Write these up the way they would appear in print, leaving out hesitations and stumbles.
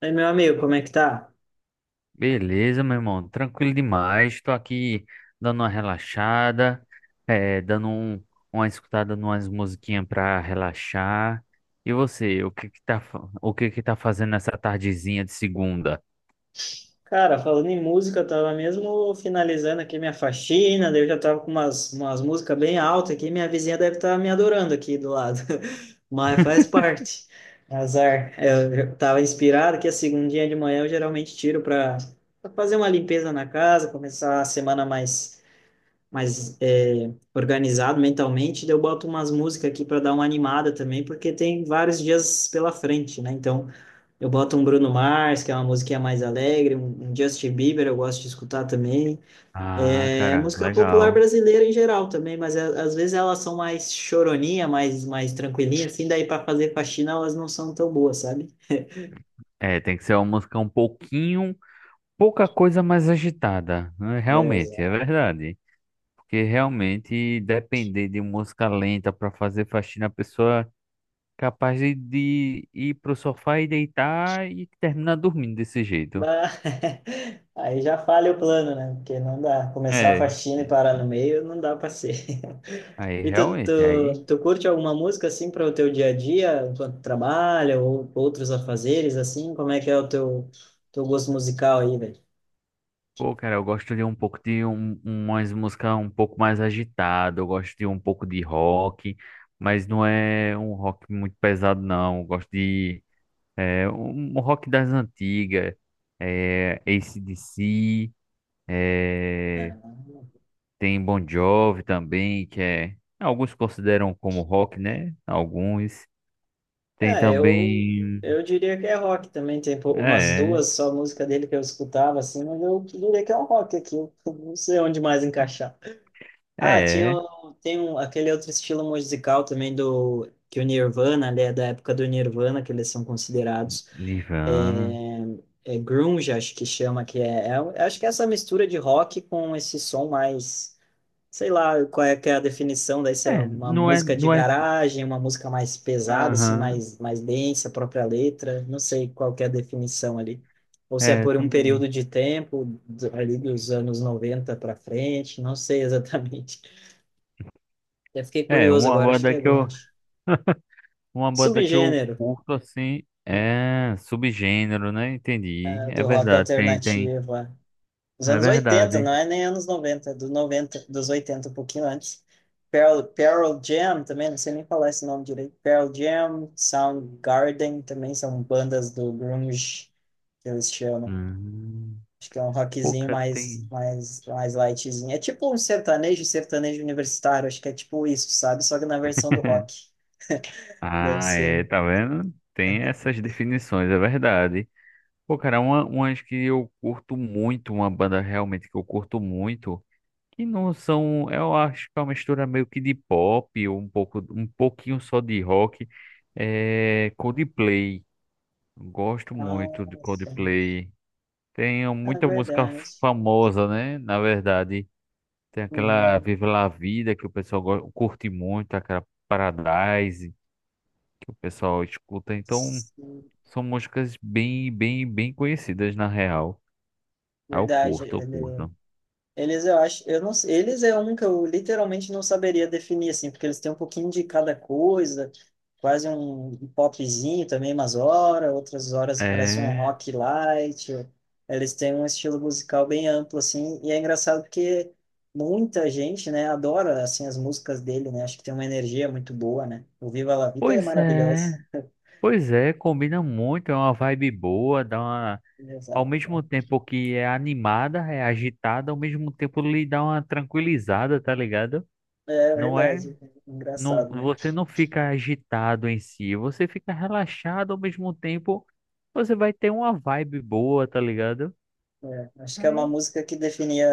Aí, meu amigo, como é que tá? Beleza, meu irmão, tranquilo demais. Estou aqui dando uma relaxada, dando uma escutada numas musiquinhas para relaxar. E você, o que que tá, fa- o que que tá fazendo nessa tardezinha de segunda? Cara, falando em música, eu tava mesmo finalizando aqui minha faxina, daí eu já tava com umas músicas bem altas aqui, minha vizinha deve estar me adorando aqui do lado, mas faz parte, azar. Eu já tava inspirado que a segundinha de manhã eu geralmente tiro para fazer uma limpeza na casa, começar a semana mais organizado mentalmente, daí eu boto umas músicas aqui para dar uma animada também, porque tem vários dias pela frente, né? Então. Eu boto um Bruno Mars, que é uma musiquinha mais alegre, um Justin Bieber, eu gosto de escutar também. Ah, É cara, música popular legal. brasileira em geral também, mas às vezes elas são mais choroninha, mais tranquilinha, assim, daí para fazer faxina elas não são tão boas, sabe? É, tem que ser uma música um pouquinho, pouca coisa mais agitada, né? Realmente, é Beleza. verdade. Porque realmente depender de música lenta para fazer faxina, a pessoa capaz de ir pro sofá e deitar e terminar dormindo desse jeito. Mas aí já falha o plano, né? Porque não dá. Começar a É, faxina e parar no meio, não dá para ser. aí E tu, realmente, aí. tu, tu curte alguma música assim para o teu dia a dia, enquanto trabalha ou outros afazeres assim? Como é que é o teu gosto musical aí, velho? Pô, cara, eu gosto de um pouco de umas músicas um pouco mais agitada, eu gosto de um pouco de rock, mas não é um rock muito pesado, não. Eu gosto de um rock das antigas, AC/DC, é, É, tem Bon Jovi também, que é. Alguns consideram como rock, né? Alguns. Tem é, eu, também. eu diria que é rock também. Tem umas É, duas só música dele que eu escutava assim, mas eu diria que é um rock aqui. Eu não sei onde mais encaixar. Ah, tinha, é. Tem um, aquele outro estilo musical também do que o Nirvana, né, da época do Nirvana, que eles são considerados. Nirvana. é é grunge, acho que chama, que é, um, acho que é essa mistura de rock com esse som mais, sei lá, qual é que é a definição daí, se é É, uma não é, música de não é. garagem, uma música mais pesada, assim, Aham. mais, mais densa, a própria letra, não sei qual que é a definição ali. Ou se é É, por um também. período de tempo, ali dos anos 90 para frente, não sei exatamente. Já fiquei É, curioso uma agora, acho que banda é que eu, grunge. uma banda que eu Subgênero, curto assim é subgênero, né? Entendi. né, É do rock verdade, tem. alternativo. É. Os É anos 80 verdade. não é nem anos 90 é do 90, dos 80 um pouquinho antes. Pearl Jam também, não sei nem falar esse nome direito. Pearl Jam, Soundgarden também são bandas do grunge, que eles chamam. Hum, Acho que é um rockzinho pouca mais, tem. mais, mais lightzinho. É tipo um sertanejo, sertanejo universitário, acho que é tipo isso, sabe? Só que na versão do rock. Deve Ah, ser. é, tá vendo? Tem essas definições, é verdade. Pô, cara, umas que eu curto muito, uma banda realmente que eu curto muito. Que não são, eu acho que é uma mistura meio que de pop, ou um pouco, um pouquinho só de rock. É Coldplay. Gosto muito de Nossa, Coldplay. Tem é muita música verdade. famosa, né? Na verdade, tem aquela Hum, Viva La Vida que o pessoal curte muito, aquela Paradise que o pessoal escuta. Então, sim, são músicas bem, bem, bem conhecidas na real. Ah, eu verdade, curto, eu ele curto. Eles, eu acho, eu não, sei- eles é um que eu literalmente não saberia definir, assim, porque eles têm um pouquinho de cada coisa, quase um popzinho também, umas horas, outras horas parece um É, rock light. Eles têm um estilo musical bem amplo, assim, e é engraçado porque muita gente, né, adora, assim, as músicas dele, né, acho que tem uma energia muito boa, né. O Viva La Vida é pois é. maravilhoso. Pois é, combina muito, é uma vibe boa, dá uma ao Exato. mesmo tempo que é animada, é agitada, ao mesmo tempo lhe dá uma tranquilizada, tá ligado? É Não é, verdade, é não, engraçado, né. você não fica agitado em si, você fica relaxado ao mesmo tempo, você vai ter uma vibe boa, tá ligado? É, acho que é uma Aí, música que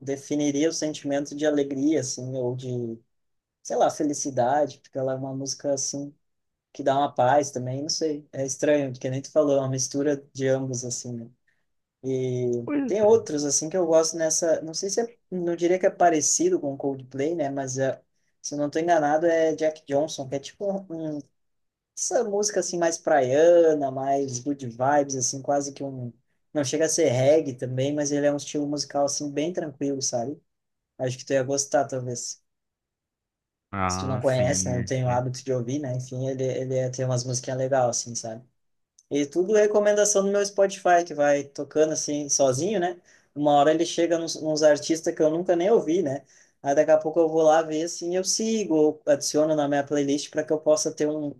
definiria o sentimento de alegria, assim, ou de, sei lá, felicidade, porque ela é uma música, assim, que dá uma paz também, não sei. É estranho, porque nem tu falou, é uma mistura de ambos, assim, né? E pois tem é. outros, assim, que eu gosto nessa, não sei se é, não diria que é parecido com Coldplay, né? Mas, é, se eu não tô enganado, é Jack Johnson, que é tipo um essa música assim mais praiana, mais good vibes, assim, quase que um. Não chega a ser reggae também, mas ele é um estilo musical assim bem tranquilo, sabe? Acho que tu ia gostar, talvez. Se tu não Ah, conhece, sim, né? Não é, tem o é hábito de ouvir, né? Enfim, ele ia ter umas musiquinhas legais, assim, sabe? E tudo recomendação do meu Spotify, que vai tocando assim, sozinho, né? Uma hora ele chega nos artistas que eu nunca nem ouvi, né? Aí daqui a pouco eu vou lá ver, assim, eu sigo, ou adiciono na minha playlist para que eu possa ter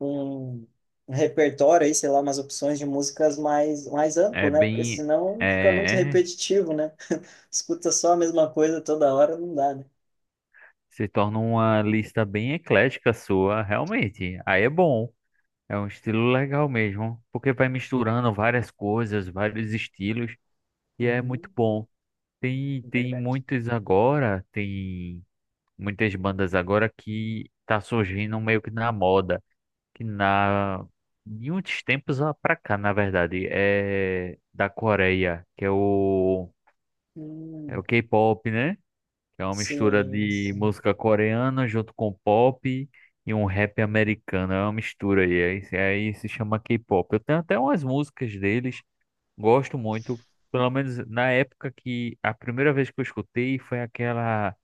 um, um repertório aí, sei lá, umas opções de músicas mais é amplo, né? Porque bem, senão fica muito é, repetitivo, né? Escuta só a mesma coisa toda hora, não dá, né? se torna uma lista bem eclética sua, realmente. Aí é bom. É um estilo legal mesmo, porque vai misturando várias coisas, vários estilos, e é muito Uhum, bom. Tem, é tem verdade. muitos agora, tem muitas bandas agora que tá surgindo meio que na moda, que na de uns tempos pra cá, na verdade, é da Coreia, que é o é Hum, o K-pop, né? Que é uma mistura sim, de sim. música coreana junto com pop e um rap americano. É uma mistura aí, aí, aí se chama K-pop. Eu tenho até umas músicas deles, gosto muito, pelo menos na época que a primeira vez que eu escutei foi aquela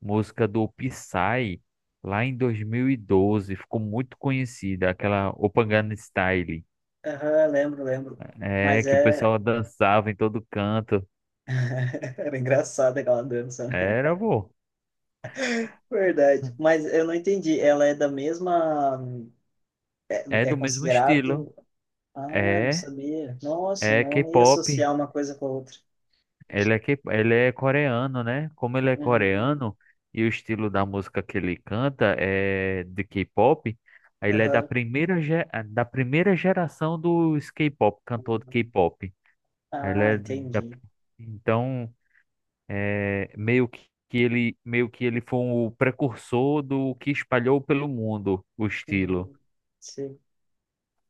música do Psy, lá em 2012, ficou muito conhecida, aquela Gangnam Style, Aham, lembro, lembro. Mas que o é, pessoal dançava em todo canto. era engraçada aquela dança, né? Era, vô. Verdade. Mas eu não entendi. Ela é da mesma. É É, é do mesmo estilo. considerado. Ah, não É, sabia. Nossa, é não ia K-pop. associar uma coisa com a outra. Ele é coreano, né? Como ele é Uhum. coreano e o estilo da música que ele canta é de K-pop, aí ele é da Aham. primeira, ge- da primeira geração dos K-pop, cantor de K-pop. Ele Ah, é da, entendi. então, meio que ele foi o precursor do que espalhou pelo mundo o estilo. Uhum. Sim.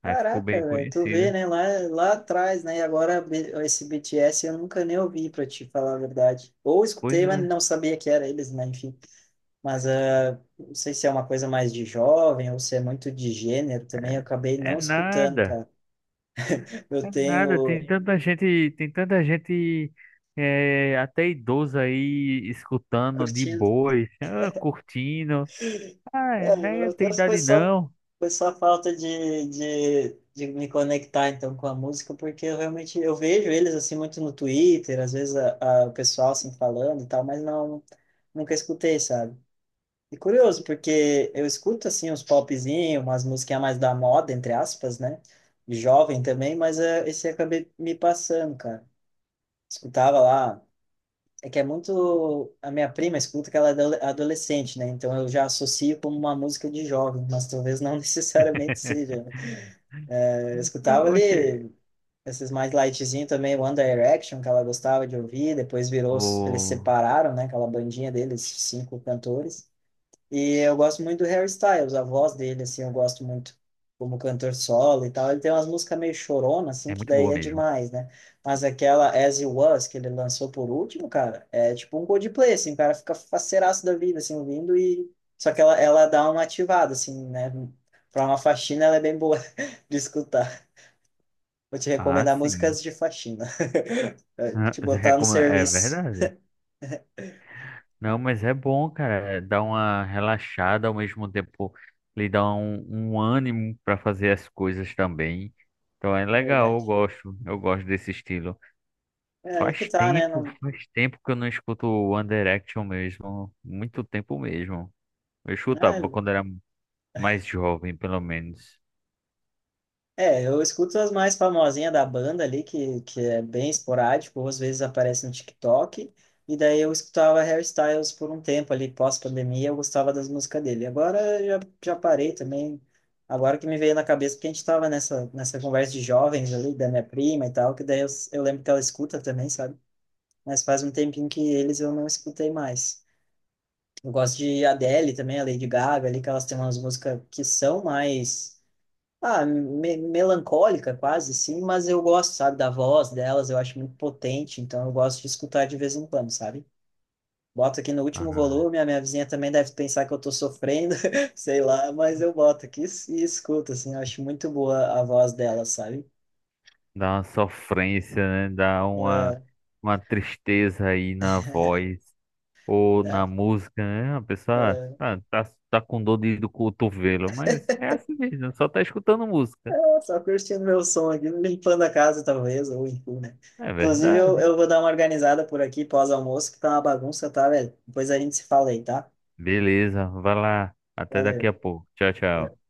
Aí ficou Caraca, bem velho, tu vê, conhecido. né, lá, atrás, né, e agora esse BTS eu nunca nem ouvi, pra te falar a verdade. Ou Pois escutei, mas é, não sabia que era eles, né, enfim. Mas não sei se é uma coisa mais de jovem ou se é muito de gênero também, eu é, acabei não escutando, nada. cara. Eu É nada, tem tenho tanta gente, tem tanta gente até idosa aí escutando de curtido. boas, ah, curtindo. Ah, é, É, né? Eu tenho foi idade só, não. foi só falta de me conectar então com a música, porque eu realmente eu vejo eles assim muito no Twitter, às vezes o pessoal assim falando e tal, mas não, nunca escutei, sabe? E curioso, porque eu escuto assim uns popzinhos, umas musiquinhas mais da moda, entre aspas, né? Jovem também, mas esse acabei me passando, cara. Escutava lá. É que é muito. A minha prima escuta que ela é adolescente, né? Então eu já associo como uma música de jovem, mas talvez não necessariamente seja, né? Eu Ah, escutava oxe, ali esses mais lightzinho também, One Direction, que ela gostava de ouvir, depois virou. Eles ô, separaram, né? Aquela bandinha deles, cinco cantores. E eu gosto muito do Harry Styles, a voz dele, assim, eu gosto muito como cantor solo e tal. Ele tem umas músicas meio chorona, assim, é que muito daí boa é mesmo. demais, né? Mas aquela As You Was, que ele lançou por último, cara, é tipo um Coldplay, assim, o cara fica faceiraço da vida, assim, ouvindo e... Só que ela dá uma ativada, assim, né? Pra uma faxina, ela é bem boa de escutar. Vou te Ah, recomendar sim. músicas de faxina. Ah, Te botar no é serviço. verdade. Não, É, mas é bom, cara. Dá uma relaxada ao mesmo tempo, lhe dá um ânimo para fazer as coisas também. Então é legal, verdade. Eu gosto desse estilo. É aí que tá, né? Não... Faz tempo que eu não escuto o One Direction mesmo. Muito tempo mesmo. Eu Ah, escutava quando era mais jovem, pelo menos. é, eu escuto as mais famosinhas da banda ali, que é bem esporádico, ou às vezes aparece no TikTok, e daí eu escutava Harry Styles por um tempo ali, pós-pandemia, eu gostava das músicas dele. Agora eu já parei também, agora que me veio na cabeça, porque a gente tava nessa conversa de jovens ali, da minha prima e tal, que daí eu lembro que ela escuta também, sabe? Mas faz um tempinho que eles eu não escutei mais. Eu gosto de Adele também, a Lady Gaga ali, que elas têm umas músicas que são mais melancólica quase, sim, mas eu gosto, sabe, da voz delas, eu acho muito potente, então eu gosto de escutar de vez em quando, sabe? Boto aqui no último Ah, volume, a minha vizinha também deve pensar que eu tô sofrendo, sei lá, mas eu boto aqui e escuto, assim, eu acho muito boa a voz delas, sabe? dá uma sofrência, né? Dá uma, É, uma tristeza aí na voz ou na é, música, né? A pessoa é. tá com dor do cotovelo, mas é assim mesmo, só tá escutando música. Ah, só curtindo meu som aqui, limpando a casa, talvez, ou enfim, né? É Inclusive, eu, verdade. eu vou dar uma organizada por aqui pós-almoço, que tá uma bagunça, tá, velho? Depois a gente se fala aí, tá? Beleza, vai lá. Até daqui Valeu. a pouco. Tchau, tchau.